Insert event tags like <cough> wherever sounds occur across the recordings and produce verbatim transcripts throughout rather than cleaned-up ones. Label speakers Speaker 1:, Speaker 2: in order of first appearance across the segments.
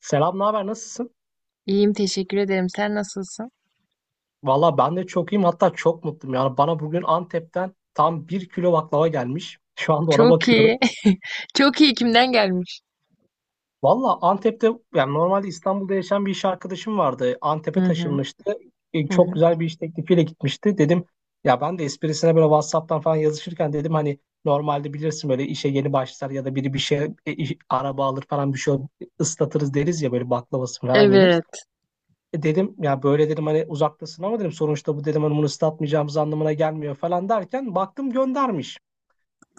Speaker 1: Selam, ne haber? Nasılsın?
Speaker 2: İyiyim, teşekkür ederim. Sen nasılsın?
Speaker 1: Valla ben de çok iyiyim. Hatta çok mutluyum. Yani bana bugün Antep'ten tam bir kilo baklava gelmiş. <laughs> Şu anda ona
Speaker 2: Çok iyi.
Speaker 1: bakıyorum.
Speaker 2: <laughs> Çok iyi, kimden gelmiş?
Speaker 1: Valla Antep'te yani normalde İstanbul'da yaşayan bir iş arkadaşım vardı.
Speaker 2: Hı
Speaker 1: Antep'e
Speaker 2: hı.
Speaker 1: taşınmıştı. E,
Speaker 2: Hı
Speaker 1: çok
Speaker 2: hı.
Speaker 1: güzel bir iş teklifiyle gitmişti. Dedim ya, ben de esprisine böyle WhatsApp'tan falan yazışırken dedim hani normalde bilirsin böyle işe yeni başlar ya da biri bir şey e, iş- araba alır falan bir şey, ıslatırız deriz ya, böyle baklavası falan yenir.
Speaker 2: Evet.
Speaker 1: E dedim ya, böyle dedim hani uzaktasın ama, dedim sonuçta bu, dedim hani bunu ıslatmayacağımız anlamına gelmiyor falan derken baktım göndermiş.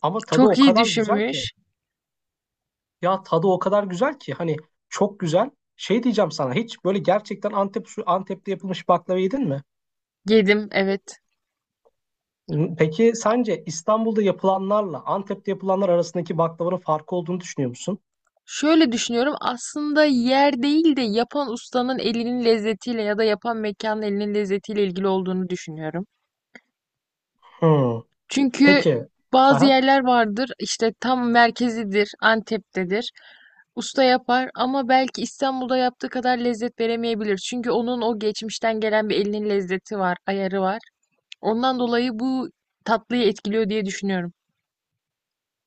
Speaker 1: Ama tadı
Speaker 2: Çok
Speaker 1: o
Speaker 2: iyi
Speaker 1: kadar güzel ki,
Speaker 2: düşünmüş.
Speaker 1: ya tadı o kadar güzel ki hani, çok güzel. Şey diyeceğim, sana hiç böyle gerçekten Antep usulü- Antep'te yapılmış baklava yedin mi?
Speaker 2: Yedim, evet.
Speaker 1: N- Peki sence İstanbul'da yapılanlarla Antep'te yapılanlar arasındaki baklavanın farkı olduğunu düşünüyor musun?
Speaker 2: Şöyle düşünüyorum, aslında yer değil de yapan ustanın elinin lezzetiyle ya da yapan mekanın elinin lezzetiyle ilgili olduğunu düşünüyorum.
Speaker 1: Hmm.
Speaker 2: Çünkü
Speaker 1: Peki.
Speaker 2: bazı
Speaker 1: Aha.
Speaker 2: yerler vardır, işte tam merkezidir, Antep'tedir. Usta yapar ama belki İstanbul'da yaptığı kadar lezzet veremeyebilir. Çünkü onun o geçmişten gelen bir elinin lezzeti var, ayarı var. Ondan dolayı bu tatlıyı etkiliyor diye düşünüyorum.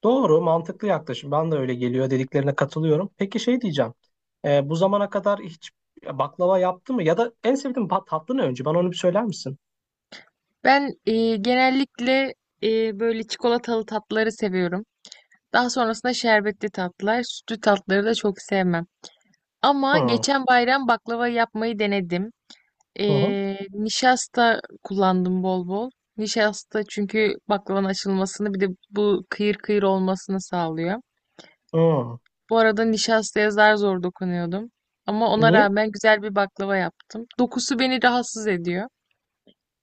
Speaker 1: Doğru, mantıklı yaklaşım. Ben de öyle geliyor dediklerine katılıyorum. Peki şey diyeceğim. Ee, bu zamana kadar hiç baklava yaptı mı? Ya da en sevdiğin pa- tatlı ne önce? Bana onu bir söyler misin?
Speaker 2: Ben e, genellikle e, böyle çikolatalı tatlıları seviyorum. Daha sonrasında şerbetli tatlılar, sütlü tatlıları da çok sevmem. Ama
Speaker 1: Hı,
Speaker 2: geçen bayram baklava yapmayı denedim.
Speaker 1: hı, hı.
Speaker 2: Ee, nişasta kullandım bol bol. Nişasta çünkü baklavanın açılmasını bir de bu kıyır kıyır olmasını sağlıyor.
Speaker 1: Hı.
Speaker 2: Bu arada nişastaya zar zor dokunuyordum. Ama ona
Speaker 1: Niye?
Speaker 2: rağmen güzel bir baklava yaptım. Dokusu beni rahatsız ediyor.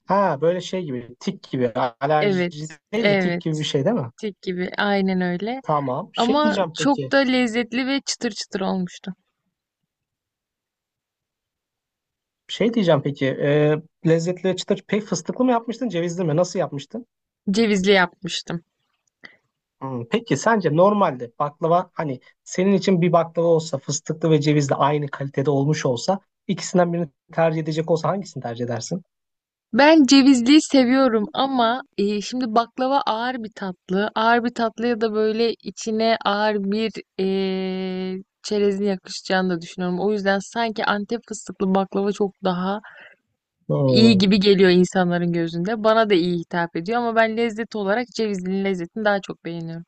Speaker 1: Ha böyle şey gibi, tik gibi. Alerji
Speaker 2: Evet,
Speaker 1: değil de tik
Speaker 2: evet,
Speaker 1: gibi bir şey değil mi?
Speaker 2: tek gibi, aynen öyle.
Speaker 1: Tamam. Şey
Speaker 2: Ama
Speaker 1: diyeceğim
Speaker 2: çok
Speaker 1: peki.
Speaker 2: da lezzetli ve çıtır çıtır olmuştu.
Speaker 1: Şey diyeceğim peki. Ee, Lezzetli çıtır pek fıstıklı mı yapmıştın, cevizli mi? Nasıl yapmıştın?
Speaker 2: Cevizli yapmıştım.
Speaker 1: Hmm. Peki sence normalde baklava hani senin için bir baklava olsa, fıstıklı ve cevizli aynı kalitede olmuş olsa, ikisinden birini tercih edecek olsa hangisini tercih edersin?
Speaker 2: Ben cevizliyi seviyorum ama e, şimdi baklava ağır bir tatlı. Ağır bir tatlıya da böyle içine ağır bir e, çerezin yakışacağını da düşünüyorum. O yüzden sanki Antep fıstıklı baklava çok daha iyi
Speaker 1: Hmm.
Speaker 2: gibi geliyor insanların gözünde. Bana da iyi hitap ediyor ama ben lezzet olarak cevizlinin lezzetini daha çok beğeniyorum.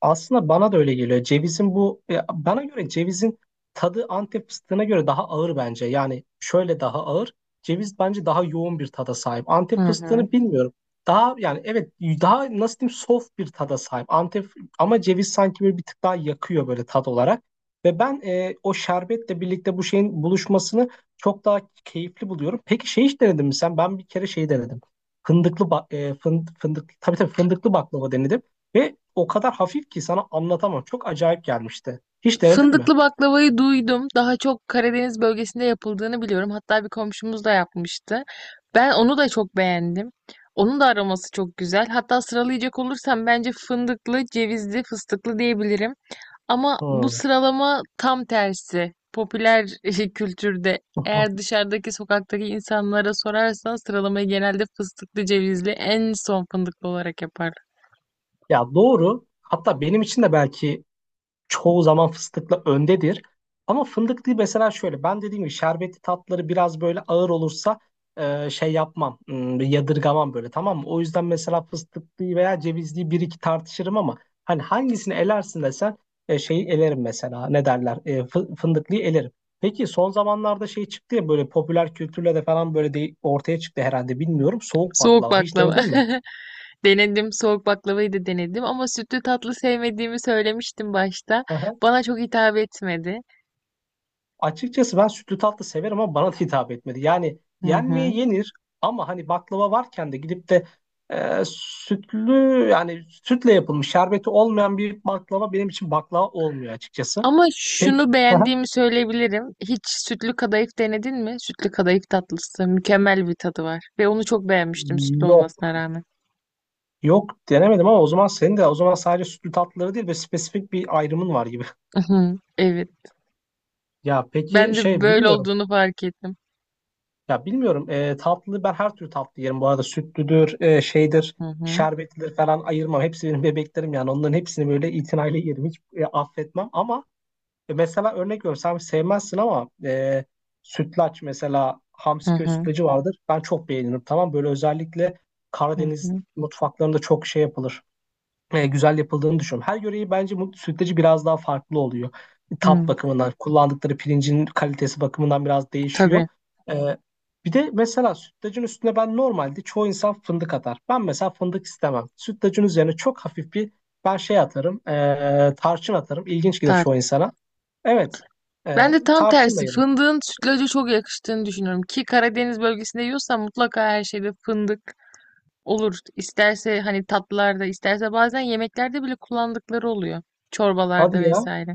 Speaker 1: Aslında bana da öyle geliyor. Cevizin bu ya, bana göre cevizin tadı Antep fıstığına göre daha ağır bence. Yani şöyle daha ağır. Ceviz bence daha yoğun bir tada sahip.
Speaker 2: Hı
Speaker 1: Antep
Speaker 2: hı.
Speaker 1: fıstığını bilmiyorum. Daha, yani evet, daha nasıl diyeyim, soft bir tada sahip. Antep ama, ceviz sanki böyle bir tık daha yakıyor, böyle tat olarak. Ve ben e, o şerbetle birlikte bu şeyin buluşmasını çok daha keyifli buluyorum. Peki şey, hiç denedin mi sen? Ben bir kere şey denedim. Fındıklı ba- e, fın- fındık, tabii tabii, fındıklı baklava denedim. Ve o kadar hafif ki sana anlatamam. Çok acayip gelmişti. Hiç denedin mi?
Speaker 2: Fındıklı baklavayı duydum. Daha çok Karadeniz bölgesinde yapıldığını biliyorum. Hatta bir komşumuz da yapmıştı. Ben onu da çok beğendim. Onun da aroması çok güzel. Hatta sıralayacak olursam bence fındıklı, cevizli, fıstıklı diyebilirim. Ama bu
Speaker 1: Hmm.
Speaker 2: sıralama tam tersi. Popüler <laughs> kültürde eğer
Speaker 1: <laughs>
Speaker 2: dışarıdaki sokaktaki insanlara sorarsan sıralamayı genelde fıstıklı, cevizli, en son fındıklı olarak yapar.
Speaker 1: Ya doğru. Hatta benim için de belki çoğu zaman fıstıkla öndedir. Ama fındıklı mesela, şöyle ben dediğim gibi şerbetli tatları biraz böyle ağır olursa, e, şey yapmam, hmm, yadırgamam böyle, tamam mı? O yüzden mesela fıstıklıyı veya cevizliyi bir iki tartışırım ama, hani hangisini elersin desen, e, şeyi elerim mesela, ne derler, e, fı- fındıklıyı elerim. Peki son zamanlarda şey çıktı ya, böyle popüler kültürle de falan böyle de ortaya çıktı herhalde, bilmiyorum, soğuk
Speaker 2: Soğuk
Speaker 1: baklava hiç
Speaker 2: baklava.
Speaker 1: denedin mi?
Speaker 2: <laughs> Denedim, soğuk baklavayı da denedim ama sütlü tatlı sevmediğimi söylemiştim başta.
Speaker 1: Aha.
Speaker 2: Bana çok hitap etmedi.
Speaker 1: Açıkçası ben sütlü tatlı severim ama bana da hitap etmedi. Yani
Speaker 2: Hı
Speaker 1: yenmeye
Speaker 2: hı.
Speaker 1: yenir ama hani baklava varken de gidip de e, sütlü, yani sütle yapılmış şerbeti olmayan bir baklava benim için baklava olmuyor açıkçası.
Speaker 2: Ama
Speaker 1: Peki.
Speaker 2: şunu
Speaker 1: Aha.
Speaker 2: beğendiğimi söyleyebilirim. Hiç sütlü kadayıf denedin mi? Sütlü kadayıf tatlısı mükemmel bir tadı var ve onu çok beğenmiştim sütlü
Speaker 1: Yok.
Speaker 2: olmasına rağmen.
Speaker 1: Yok, denemedim, ama o zaman senin de o zaman sadece sütlü tatlıları değil ve spesifik bir ayrımın var gibi. <laughs>
Speaker 2: Hı hı. Evet.
Speaker 1: Ya peki
Speaker 2: Ben de
Speaker 1: şey,
Speaker 2: böyle
Speaker 1: bilmiyorum.
Speaker 2: olduğunu fark ettim.
Speaker 1: Ya bilmiyorum. E, tatlı ben her türlü tatlı yerim bu arada. Sütlüdür, e, şeydir,
Speaker 2: Hı hı.
Speaker 1: şerbetlidir falan, ayırmam. Hepsi benim bebeklerim yani. Onların hepsini böyle itinayla yerim. Hiç e, affetmem ama, e, mesela örnek veriyorum. Sen sevmezsin ama, e, sütlaç mesela,
Speaker 2: Hı
Speaker 1: Hamsi köy
Speaker 2: hı.
Speaker 1: sütlacı vardır. Ben çok beğenirim. Tamam, böyle özellikle
Speaker 2: Hı
Speaker 1: Karadeniz
Speaker 2: hı.
Speaker 1: mutfaklarında çok şey yapılır, e, güzel yapıldığını düşünüyorum. Her yöreyi bence bu sütlacı biraz daha farklı oluyor. Tat
Speaker 2: Hı.
Speaker 1: bakımından, kullandıkları pirincin kalitesi bakımından biraz
Speaker 2: Tabii.
Speaker 1: değişiyor. E, Bir de mesela sütlacın üstüne, ben normalde, çoğu insan fındık atar. Ben mesela fındık istemem. Sütlacın üzerine çok hafif bir, ben şey atarım, e, tarçın atarım. İlginç gelir
Speaker 2: Tart.
Speaker 1: çoğu insana. Evet,
Speaker 2: Ben
Speaker 1: e,
Speaker 2: de tam
Speaker 1: tarçınla
Speaker 2: tersi
Speaker 1: yerim.
Speaker 2: fındığın sütlaca çok yakıştığını düşünüyorum ki Karadeniz bölgesinde yiyorsan mutlaka her şeyde fındık olur. İsterse hani tatlılarda, isterse bazen yemeklerde bile kullandıkları oluyor. Çorbalarda
Speaker 1: Hadi ya,
Speaker 2: vesaire.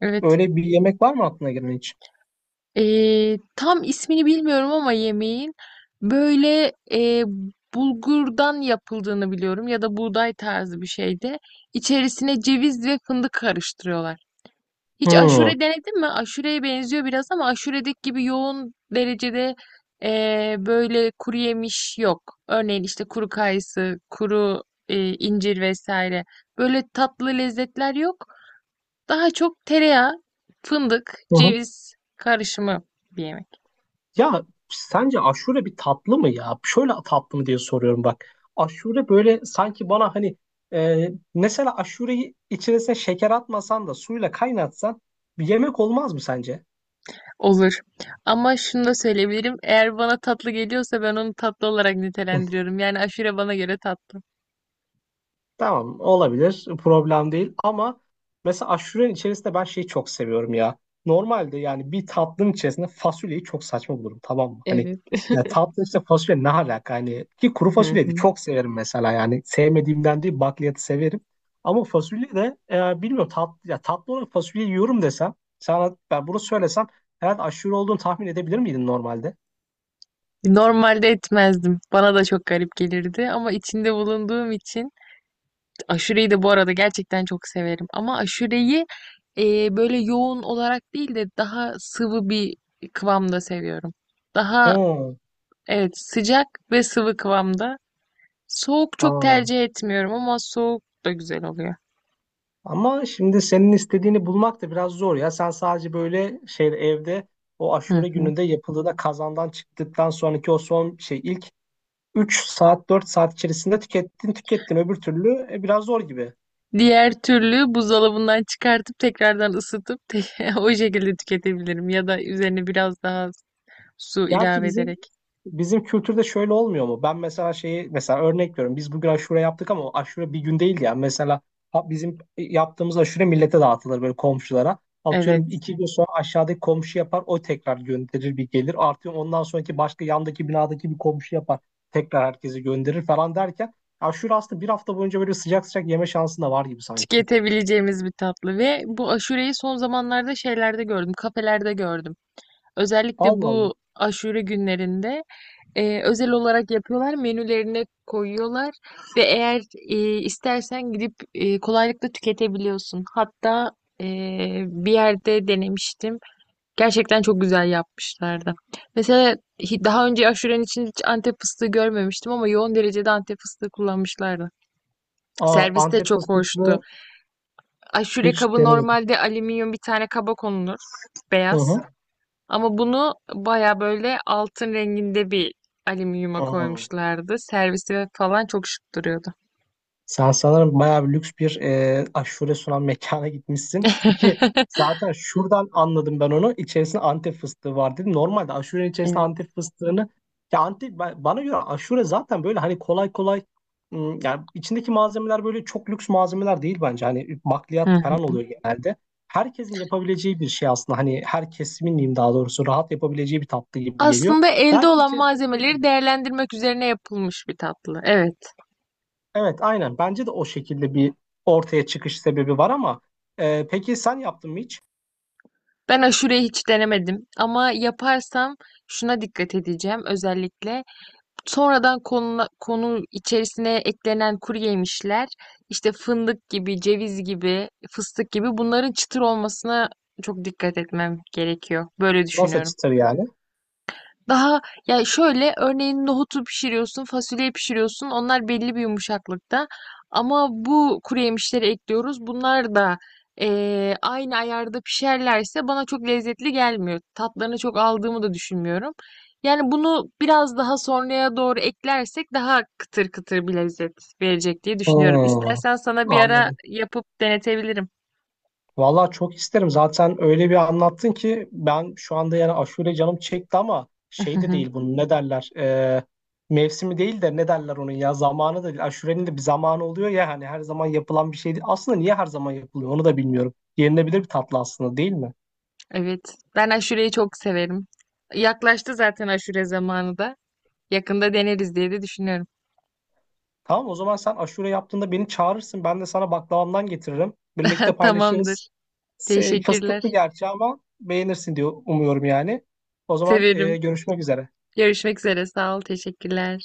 Speaker 2: Evet.
Speaker 1: öyle bir yemek var mı aklına gelen hiç?
Speaker 2: Ee, tam ismini bilmiyorum ama yemeğin böyle e, bulgurdan yapıldığını biliyorum ya da buğday tarzı bir şeyde. İçerisine ceviz ve fındık karıştırıyorlar.
Speaker 1: Hmm.
Speaker 2: Hiç
Speaker 1: Hı
Speaker 2: aşure denedin mi? Aşureye benziyor biraz ama aşuredeki gibi yoğun derecede eee, böyle kuru yemiş yok. Örneğin işte kuru kayısı, kuru e, incir vesaire. Böyle tatlı lezzetler yok. Daha çok tereyağı, fındık,
Speaker 1: hı.
Speaker 2: ceviz karışımı bir yemek
Speaker 1: Ya sence aşure bir tatlı mı ya? Şöyle tatlı mı diye soruyorum bak. Aşure böyle sanki bana hani, e, mesela aşureyi içerisine şeker atmasan da suyla kaynatsan bir yemek olmaz mı sence?
Speaker 2: olur. Ama şunu da söyleyebilirim. Eğer bana tatlı geliyorsa ben onu tatlı olarak
Speaker 1: <laughs>
Speaker 2: nitelendiriyorum. Yani aşure bana göre tatlı.
Speaker 1: Tamam, olabilir. Problem değil ama mesela aşurenin içerisinde ben şeyi çok seviyorum ya. Normalde yani bir tatlının içerisinde fasulyeyi çok saçma bulurum, tamam mı? Hani
Speaker 2: Evet.
Speaker 1: ya, tatlı işte fasulye ne alaka? Hani ki kuru
Speaker 2: Hı
Speaker 1: fasulyeyi de
Speaker 2: hı.
Speaker 1: çok severim mesela yani. Sevmediğimden değil, bakliyatı severim. Ama fasulye de, e, bilmiyorum tatlı, ya tatlı olarak fasulye yiyorum desem, sana ben bunu söylesem, herhalde aşure olduğunu tahmin edebilir miydin normalde?
Speaker 2: Normalde etmezdim. Bana da çok garip gelirdi ama içinde bulunduğum için aşureyi de bu arada gerçekten çok severim. Ama aşureyi e, böyle yoğun olarak değil de daha sıvı bir kıvamda seviyorum. Daha
Speaker 1: Hmm.
Speaker 2: evet, sıcak ve sıvı kıvamda. Soğuk çok
Speaker 1: Aa.
Speaker 2: tercih etmiyorum ama soğuk da güzel oluyor.
Speaker 1: Ama şimdi senin istediğini bulmak da biraz zor ya. Sen sadece böyle şey evde, o
Speaker 2: Hı
Speaker 1: aşure
Speaker 2: hı.
Speaker 1: gününde yapıldığında kazandan çıktıktan sonraki o son şey, ilk üç saat dört saat içerisinde tükettin tükettin öbür türlü e, biraz zor gibi.
Speaker 2: Diğer türlü buzdolabından çıkartıp tekrardan ısıtıp <laughs> o şekilde tüketebilirim ya da üzerine biraz daha su
Speaker 1: Gerçi
Speaker 2: ilave
Speaker 1: bizim
Speaker 2: ederek.
Speaker 1: Bizim kültürde şöyle olmuyor mu? Ben mesela şeyi, mesela örnek veriyorum. Biz bugün aşure yaptık ama o aşure bir gün değil yani. Mesela ha- bizim yaptığımız aşure millete dağıtılır, böyle komşulara. Atıyorum
Speaker 2: Evet.
Speaker 1: iki gün sonra aşağıdaki komşu yapar. O tekrar gönderir, bir gelir. Artıyor, ondan sonraki başka yandaki binadaki bir komşu yapar. Tekrar herkese gönderir falan derken. Aşure aslında bir hafta boyunca böyle sıcak sıcak yeme şansın da var gibi sanki.
Speaker 2: Tüketebileceğimiz bir tatlı ve bu aşureyi son zamanlarda şeylerde gördüm, kafelerde gördüm. Özellikle
Speaker 1: Allah Allah.
Speaker 2: bu aşure günlerinde e, özel olarak yapıyorlar, menülerine koyuyorlar ve eğer e, istersen gidip e, kolaylıkla tüketebiliyorsun. Hatta e, bir yerde denemiştim. Gerçekten çok güzel yapmışlardı. Mesela hi- daha önce aşurenin için hiç Antep fıstığı görmemiştim ama yoğun derecede Antep fıstığı kullanmışlardı.
Speaker 1: Aa,
Speaker 2: Servis de
Speaker 1: Antep
Speaker 2: çok hoştu.
Speaker 1: fıstıklı
Speaker 2: Aşure
Speaker 1: hiç
Speaker 2: kabı
Speaker 1: denemedim.
Speaker 2: normalde alüminyum bir tane kaba konulur,
Speaker 1: Hı
Speaker 2: beyaz.
Speaker 1: hı.
Speaker 2: Ama bunu baya böyle altın renginde bir alüminyuma
Speaker 1: Aa.
Speaker 2: koymuşlardı. Servisi falan çok şık duruyordu.
Speaker 1: Sen sanırım bayağı bir lüks bir e, aşure sunan mekana gitmişsin. İki,
Speaker 2: <laughs>
Speaker 1: zaten şuradan anladım ben onu. İçerisinde Antep fıstığı var dedim. Normalde aşurenin içerisinde
Speaker 2: Evet.
Speaker 1: Antep fıstığını, ya Antep ba- bana göre aşure zaten böyle hani kolay kolay, ım, yani içindeki malzemeler böyle çok lüks malzemeler değil bence. Hani
Speaker 2: Hı
Speaker 1: bakliyat
Speaker 2: hı.
Speaker 1: falan oluyor genelde. Herkesin yapabileceği bir şey aslında. Hani her kesimin diyeyim, daha doğrusu rahat yapabileceği bir tatlı gibi geliyor.
Speaker 2: Aslında elde
Speaker 1: Belki
Speaker 2: olan
Speaker 1: içerisinde şeyler var.
Speaker 2: malzemeleri değerlendirmek üzerine yapılmış bir tatlı. Evet.
Speaker 1: Evet, aynen. Bence de o şekilde bir ortaya çıkış sebebi var ama, e, peki sen yaptın mı hiç?
Speaker 2: Ben aşureyi hiç denemedim ama yaparsam şuna dikkat edeceğim özellikle. Sonradan konu, konu içerisine eklenen kuru yemişler, işte fındık gibi, ceviz gibi, fıstık gibi bunların çıtır olmasına çok dikkat etmem gerekiyor. Böyle
Speaker 1: Nasıl
Speaker 2: düşünüyorum.
Speaker 1: çıtır yani?
Speaker 2: Daha ya şöyle, örneğin nohutu pişiriyorsun, fasulyeyi pişiriyorsun. Onlar belli bir yumuşaklıkta. Ama bu kuru yemişleri ekliyoruz. Bunlar da eee, aynı ayarda pişerlerse bana çok lezzetli gelmiyor. Tatlarını çok aldığımı da düşünmüyorum. Yani bunu biraz daha sonraya doğru eklersek daha kıtır kıtır bir lezzet verecek diye düşünüyorum.
Speaker 1: Hmm,
Speaker 2: İstersen sana bir ara
Speaker 1: anladım.
Speaker 2: yapıp denetebilirim.
Speaker 1: Vallahi çok isterim. Zaten öyle bir anlattın ki ben şu anda, yani aşure canım çekti ama şey de değil
Speaker 2: <laughs>
Speaker 1: bunun, ne derler? E, mevsimi değil de ne derler onun, ya zamanı da değil. Aşurenin de bir zamanı oluyor ya hani, her zaman yapılan bir şey değil. Aslında niye her zaman yapılıyor onu da bilmiyorum. Yenilebilir bir tatlı aslında değil mi?
Speaker 2: Evet, ben aşureyi çok severim. Yaklaştı zaten aşure zamanı da. Yakında deneriz diye de düşünüyorum.
Speaker 1: Tamam, o zaman sen aşure yaptığında beni çağırırsın. Ben de sana baklavamdan getiririm. Birlikte
Speaker 2: <laughs>
Speaker 1: paylaşırız.
Speaker 2: Tamamdır.
Speaker 1: Se- Fıstıklı
Speaker 2: Teşekkürler.
Speaker 1: gerçi ama beğenirsin diyor, umuyorum yani. O zaman e,
Speaker 2: Severim.
Speaker 1: görüşmek üzere.
Speaker 2: Görüşmek üzere. Sağ ol. Teşekkürler.